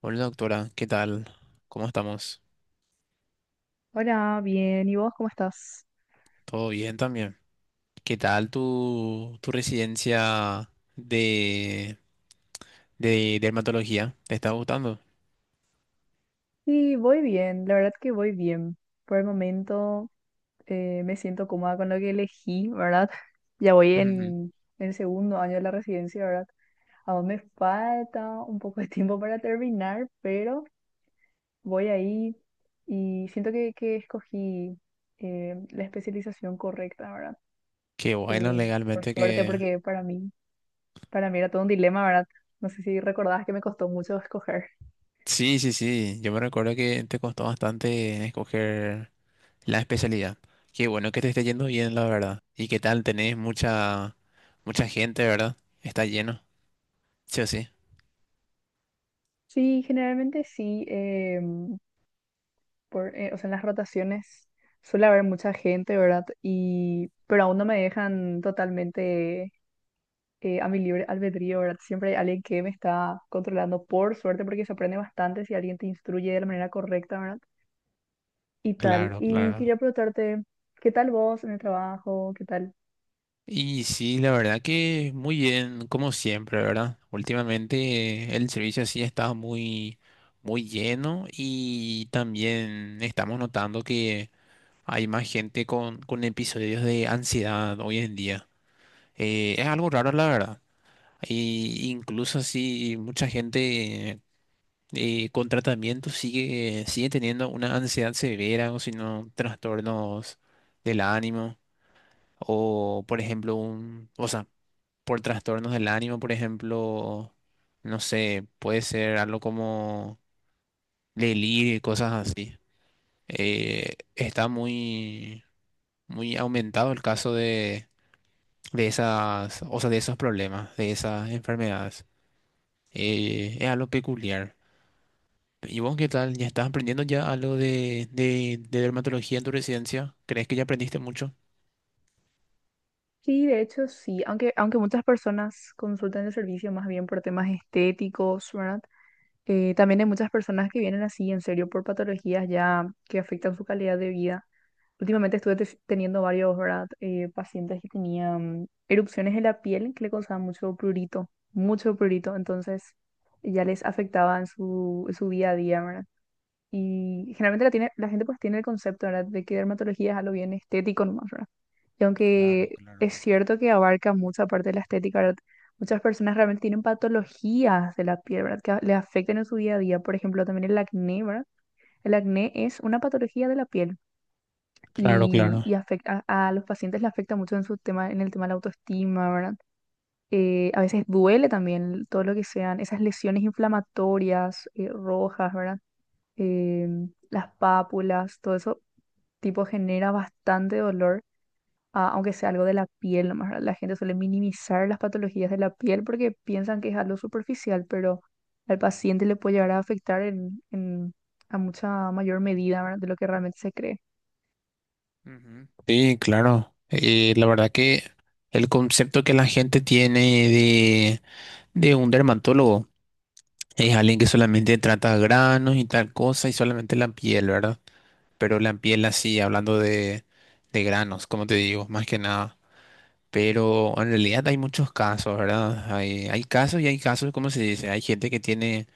Hola doctora, ¿qué tal? ¿Cómo estamos? Hola, bien. ¿Y vos cómo estás? ¿Todo bien también? ¿Qué tal tu residencia de dermatología? ¿Te está gustando? Sí, voy bien. La verdad que voy bien. Por el momento me siento cómoda con lo que elegí, ¿verdad? Ya voy Ujú. en el segundo año de la residencia, ¿verdad? Aún me falta un poco de tiempo para terminar, pero voy ahí y siento que escogí la especialización correcta, ¿verdad? Qué bueno Eh, por legalmente suerte, que... porque para mí era todo un dilema, ¿verdad? No sé si recordabas que me costó mucho escoger. Sí, sí, sí, yo me recuerdo que te costó bastante escoger la especialidad. Qué bueno que te esté yendo bien, la verdad. ¿Y qué tal? Tenés mucha, mucha gente, ¿verdad? Está lleno, sí o sí. Sí, generalmente sí. O sea, en las rotaciones suele haber mucha gente, ¿verdad? Y, pero aún no me dejan totalmente a mi libre albedrío, ¿verdad? Siempre hay alguien que me está controlando, por suerte, porque se aprende bastante si alguien te instruye de la manera correcta, ¿verdad? Y tal. Claro, Y claro. quería preguntarte, ¿qué tal vos en el trabajo? ¿Qué tal? Y sí, la verdad que muy bien, como siempre, ¿verdad? Últimamente el servicio sí está muy, muy lleno y también estamos notando que hay más gente con episodios de ansiedad hoy en día. Es algo raro, la verdad. Y incluso así mucha gente con tratamiento sigue teniendo una ansiedad severa o si no, trastornos del ánimo. O, por ejemplo, un, o sea, por trastornos del ánimo, por ejemplo, no sé, puede ser algo como delirio y cosas así. Está muy, muy aumentado el caso de esas, o sea, de esos problemas, de esas enfermedades. Es algo peculiar. ¿Y vos qué tal? ¿Ya estás aprendiendo ya algo de dermatología en tu residencia? ¿Crees que ya aprendiste mucho? Sí, de hecho sí, aunque muchas personas consultan el servicio más bien por temas estéticos, ¿verdad? También hay muchas personas que vienen así, en serio, por patologías ya que afectan su calidad de vida. Últimamente teniendo varios, ¿verdad? Pacientes que tenían erupciones en la piel que le causaban mucho prurito, entonces ya les afectaba en su día a día, ¿verdad? Y generalmente la gente pues tiene el concepto, ¿verdad?, de que dermatología es algo bien estético nomás, ¿verdad? Y Claro, aunque claro. es cierto que abarca mucha parte de la estética, ¿verdad? Muchas personas realmente tienen patologías de la piel, ¿verdad? Le afectan en su día a día. Por ejemplo, también el acné, ¿verdad? El acné es una patología de la piel Claro, y, claro. y afecta a los pacientes, le afecta mucho en su tema, en el tema de la autoestima, ¿verdad? A veces duele también todo lo que sean esas lesiones inflamatorias, rojas, ¿verdad?, eh, las pápulas, todo eso, tipo, genera bastante dolor, ah, aunque sea algo de la piel nomás, ¿verdad? La gente suele minimizar las patologías de la piel porque piensan que es algo superficial, pero al paciente le puede llegar a afectar a mucha mayor medida, ¿verdad?, de lo que realmente se cree. Ujú. Sí, claro. La verdad que el concepto que la gente tiene de, de un dermatólogo es alguien que solamente trata granos y tal cosa y solamente la piel, ¿verdad? Pero la piel así, hablando de granos, como te digo, más que nada. Pero en realidad hay muchos casos, ¿verdad? Hay casos y hay casos, ¿cómo se dice? Hay gente que tiene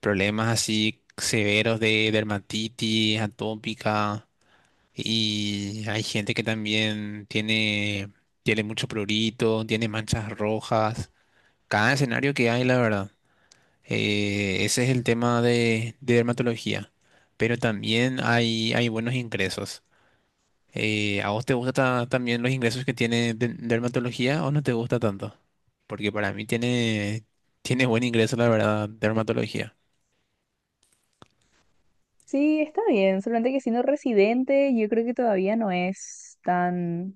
problemas así severos de dermatitis atópica y hay gente que también tiene, tiene mucho prurito, tiene manchas rojas. Cada escenario que hay, la verdad. Ese es el tema de dermatología. Pero también hay buenos ingresos. ¿A vos te gustan ta- también los ingresos que tiene de- dermatología o no te gusta tanto? Porque para mí tiene, tiene buen ingreso, la verdad, dermatología. Sí, está bien, solamente que siendo residente, yo creo que todavía no es tan,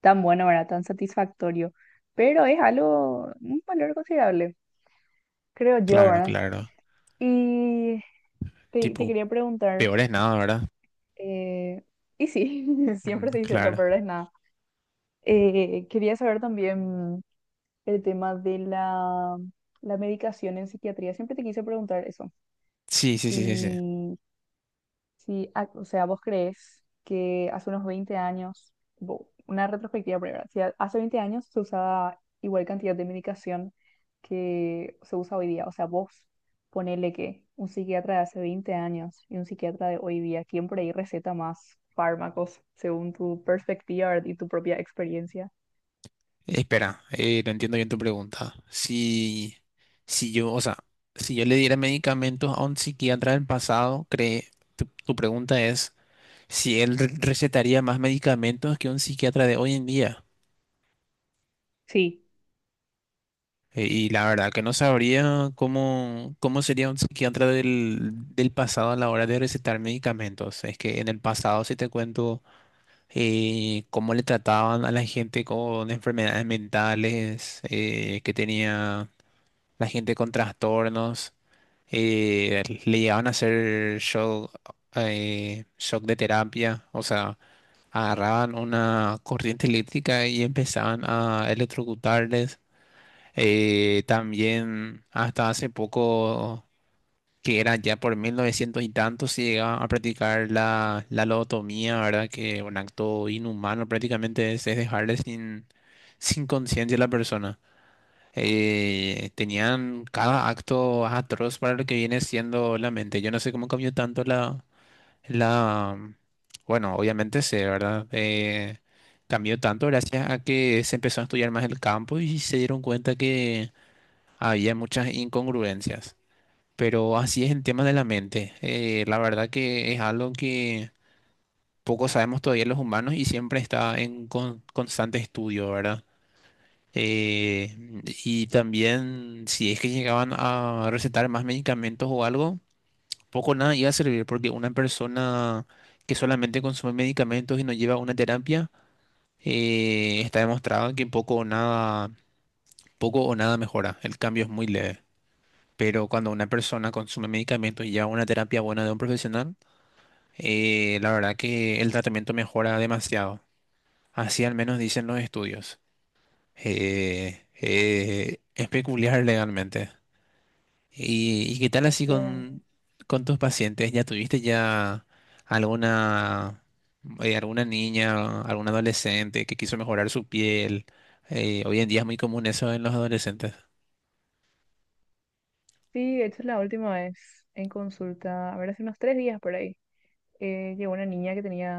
tan bueno, ¿verdad? Tan satisfactorio, pero es algo, un valor considerable, creo yo, Claro, ¿verdad? claro. Y te Tipo, quería preguntar, peor es nada, ¿verdad? eh, y sí, Ujú, siempre se dice, lo claro. peor es nada. Quería saber también el tema de la medicación en psiquiatría. Siempre te quise preguntar eso, Sí, sí, sí, sí, sí. si Sí, ah, o sea, ¿vos crees que hace unos 20 años, una retrospectiva primero, si a- hace 20 años se usaba igual cantidad de medicación que se usa hoy día? O sea, vos ponele que un psiquiatra de hace 20 años y un psiquiatra de hoy día, ¿quién por ahí receta más fármacos según tu perspectiva, ¿verdad?, y tu propia experiencia? Espera, no entiendo bien tu pregunta. Si, si yo, o sea, si yo le diera medicamentos a un psiquiatra del pasado, cree, tu pregunta es si él re- recetaría más medicamentos que un psiquiatra de hoy en día. Sí. Y la verdad que no sabría cómo, cómo sería un psiquiatra del, del pasado a la hora de recetar medicamentos. Es que en el pasado, si te cuento cómo le trataban a la gente con enfermedades mentales, que tenía la gente con trastornos, le llegaban a hacer shock, shock de terapia, o sea, agarraban una corriente eléctrica y empezaban a electrocutarles. También hasta hace poco, que era ya por 1900 y tantos se llegaba a practicar la, la lobotomía, ¿verdad? Que un acto inhumano prácticamente es dejarle sin, sin conciencia a la persona tenían cada acto atroz para lo que viene siendo la mente. Yo no sé cómo cambió tanto la, la, bueno, obviamente sé, ¿verdad? Cambió tanto gracias a que se empezó a estudiar más el campo y se dieron cuenta que había muchas incongruencias. Pero así es el tema de la mente. La verdad que es algo que poco sabemos todavía los humanos y siempre está en con- constante estudio, ¿verdad? Eh, y también, si es que llegaban a recetar más medicamentos o algo, poco o nada iba a servir, porque una persona que solamente consume medicamentos y no lleva una terapia, está demostrado que poco o nada mejora. El cambio es muy leve. Pero cuando una persona consume medicamentos y lleva una terapia buena de un profesional, la verdad que el tratamiento mejora demasiado. Así al menos dicen los estudios. Es peculiar legalmente. Y qué tal Es así que con tus pacientes? ¿Ya tuviste ya alguna, alguna niña, algún adolescente que quiso mejorar su piel? Hoy en día es muy común eso en los adolescentes. sí, de hecho la última vez en consulta, a ver, hace unos 3 días por ahí. Llegó una niña que tenía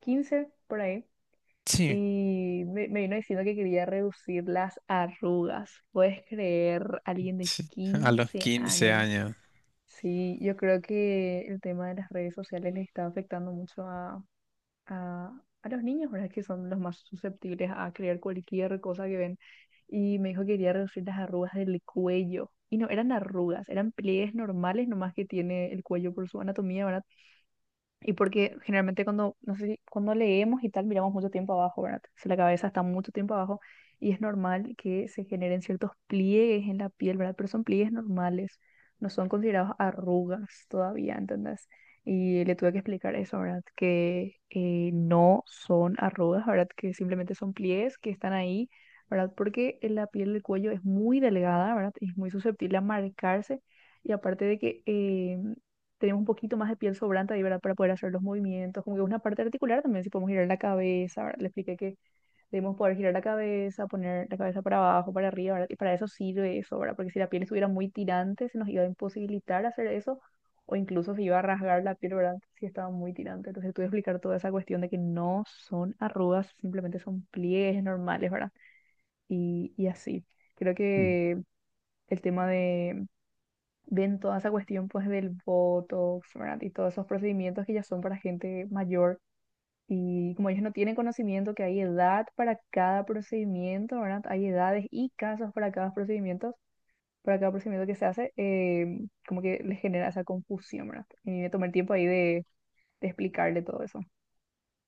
15 por ahí Sí, y me vino diciendo que quería reducir las arrugas. ¿Puedes creer? Alguien de sí, a los 15 15 años. años. Sí, yo creo que el tema de las redes sociales les está afectando mucho a, a los niños, ¿verdad? Que son los más susceptibles a creer cualquier cosa que ven. Y me dijo que quería reducir las arrugas del cuello. Y no eran arrugas, eran pliegues normales, nomás que tiene el cuello por su anatomía, ¿verdad? Y porque generalmente cuando, no sé si- cuando leemos y tal, miramos mucho tiempo abajo, ¿verdad? Si la cabeza está mucho tiempo abajo, y es normal que se generen ciertos pliegues en la piel, ¿verdad? Pero son pliegues normales, no son considerados arrugas todavía, ¿entendés? Y le tuve que explicar eso, ¿verdad? Que no son arrugas, ¿verdad? Que simplemente son pliegues que están ahí, ¿verdad? Porque la piel del cuello es muy delgada, ¿verdad? Y es muy susceptible a marcarse. Y aparte de que... tenemos un poquito más de piel sobrante ahí, ¿verdad? Para poder hacer los movimientos, como que una parte articular también, si podemos girar la cabeza, ¿verdad? Le expliqué que debemos poder girar la cabeza, poner la cabeza para abajo, para arriba, ¿verdad? Y para eso sirve eso, ¿verdad? Porque si la piel estuviera muy tirante, se nos iba a imposibilitar hacer eso, o incluso se iba a rasgar la piel, ¿verdad? Si estaba muy tirante. Entonces tuve que explicar toda esa cuestión de que no son arrugas, simplemente son pliegues normales, ¿verdad? Y así. Creo que el tema de, ven toda esa cuestión pues del Botox, ¿verdad? Y todos esos procedimientos que ya son para gente mayor. Y como ellos no tienen conocimiento que hay edad para cada procedimiento, ¿verdad? Hay edades y casos para cada procedimiento que se hace, como que les genera esa confusión, ¿verdad? Y me tomé el tiempo ahí de explicarle todo eso.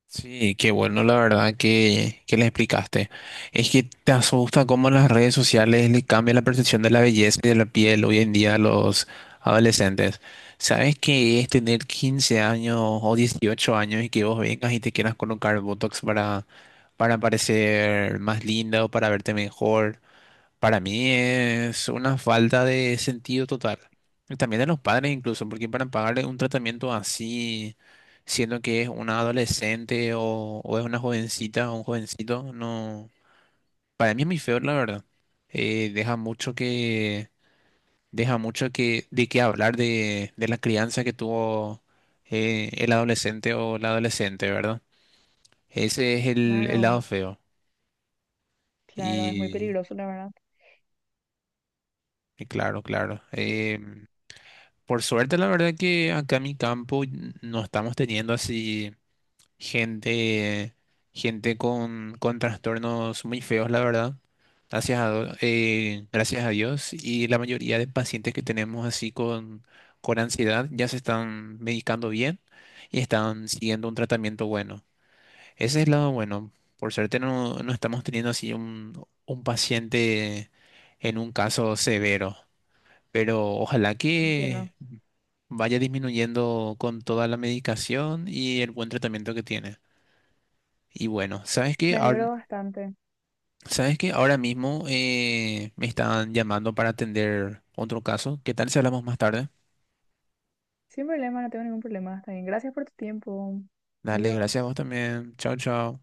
Sí, qué bueno, la verdad que le explicaste. Es que te asusta cómo las redes sociales le cambian la percepción de la belleza y de la piel hoy en día a los adolescentes. ¿Sabes qué es tener 15 años o 18 años y que vos vengas y te quieras colocar Botox para parecer más linda o para verte mejor? Para mí es una falta de sentido total. Y también de los padres incluso, porque para pagarle un tratamiento así, siendo que es una adolescente o es una jovencita o un jovencito, no. Para mí es muy feo, la verdad. Deja mucho que, deja mucho que, de qué hablar de la crianza que tuvo el adolescente o la adolescente, ¿verdad? Ese es el Claro, lado feo. claro, es muy Y, peligroso, la verdad. y claro, claro. Y Por suerte, la verdad que acá en mi campo n- no estamos teniendo así gente, gente con trastornos muy feos, la verdad. Gracias a, do- gracias a Dios. Y la mayoría de pacientes que tenemos así con ansiedad ya se están medicando bien y están siguiendo un tratamiento bueno. Ese es el lado bueno. Por suerte no, no estamos teniendo así un paciente en un caso severo. Pero ojalá que entiendo. vaya disminuyendo con toda la medicación y el buen tratamiento que tiene. Y bueno, ¿sabes qué? Me Ahora, alegro bastante. ¿sabes qué? Ahora mismo me están llamando para atender otro caso. ¿Qué tal si hablamos más tarde? Sin problema, no tengo ningún problema. Está bien. Gracias por tu tiempo. Dale, Adiós. gracias a vos también. Chao, chao.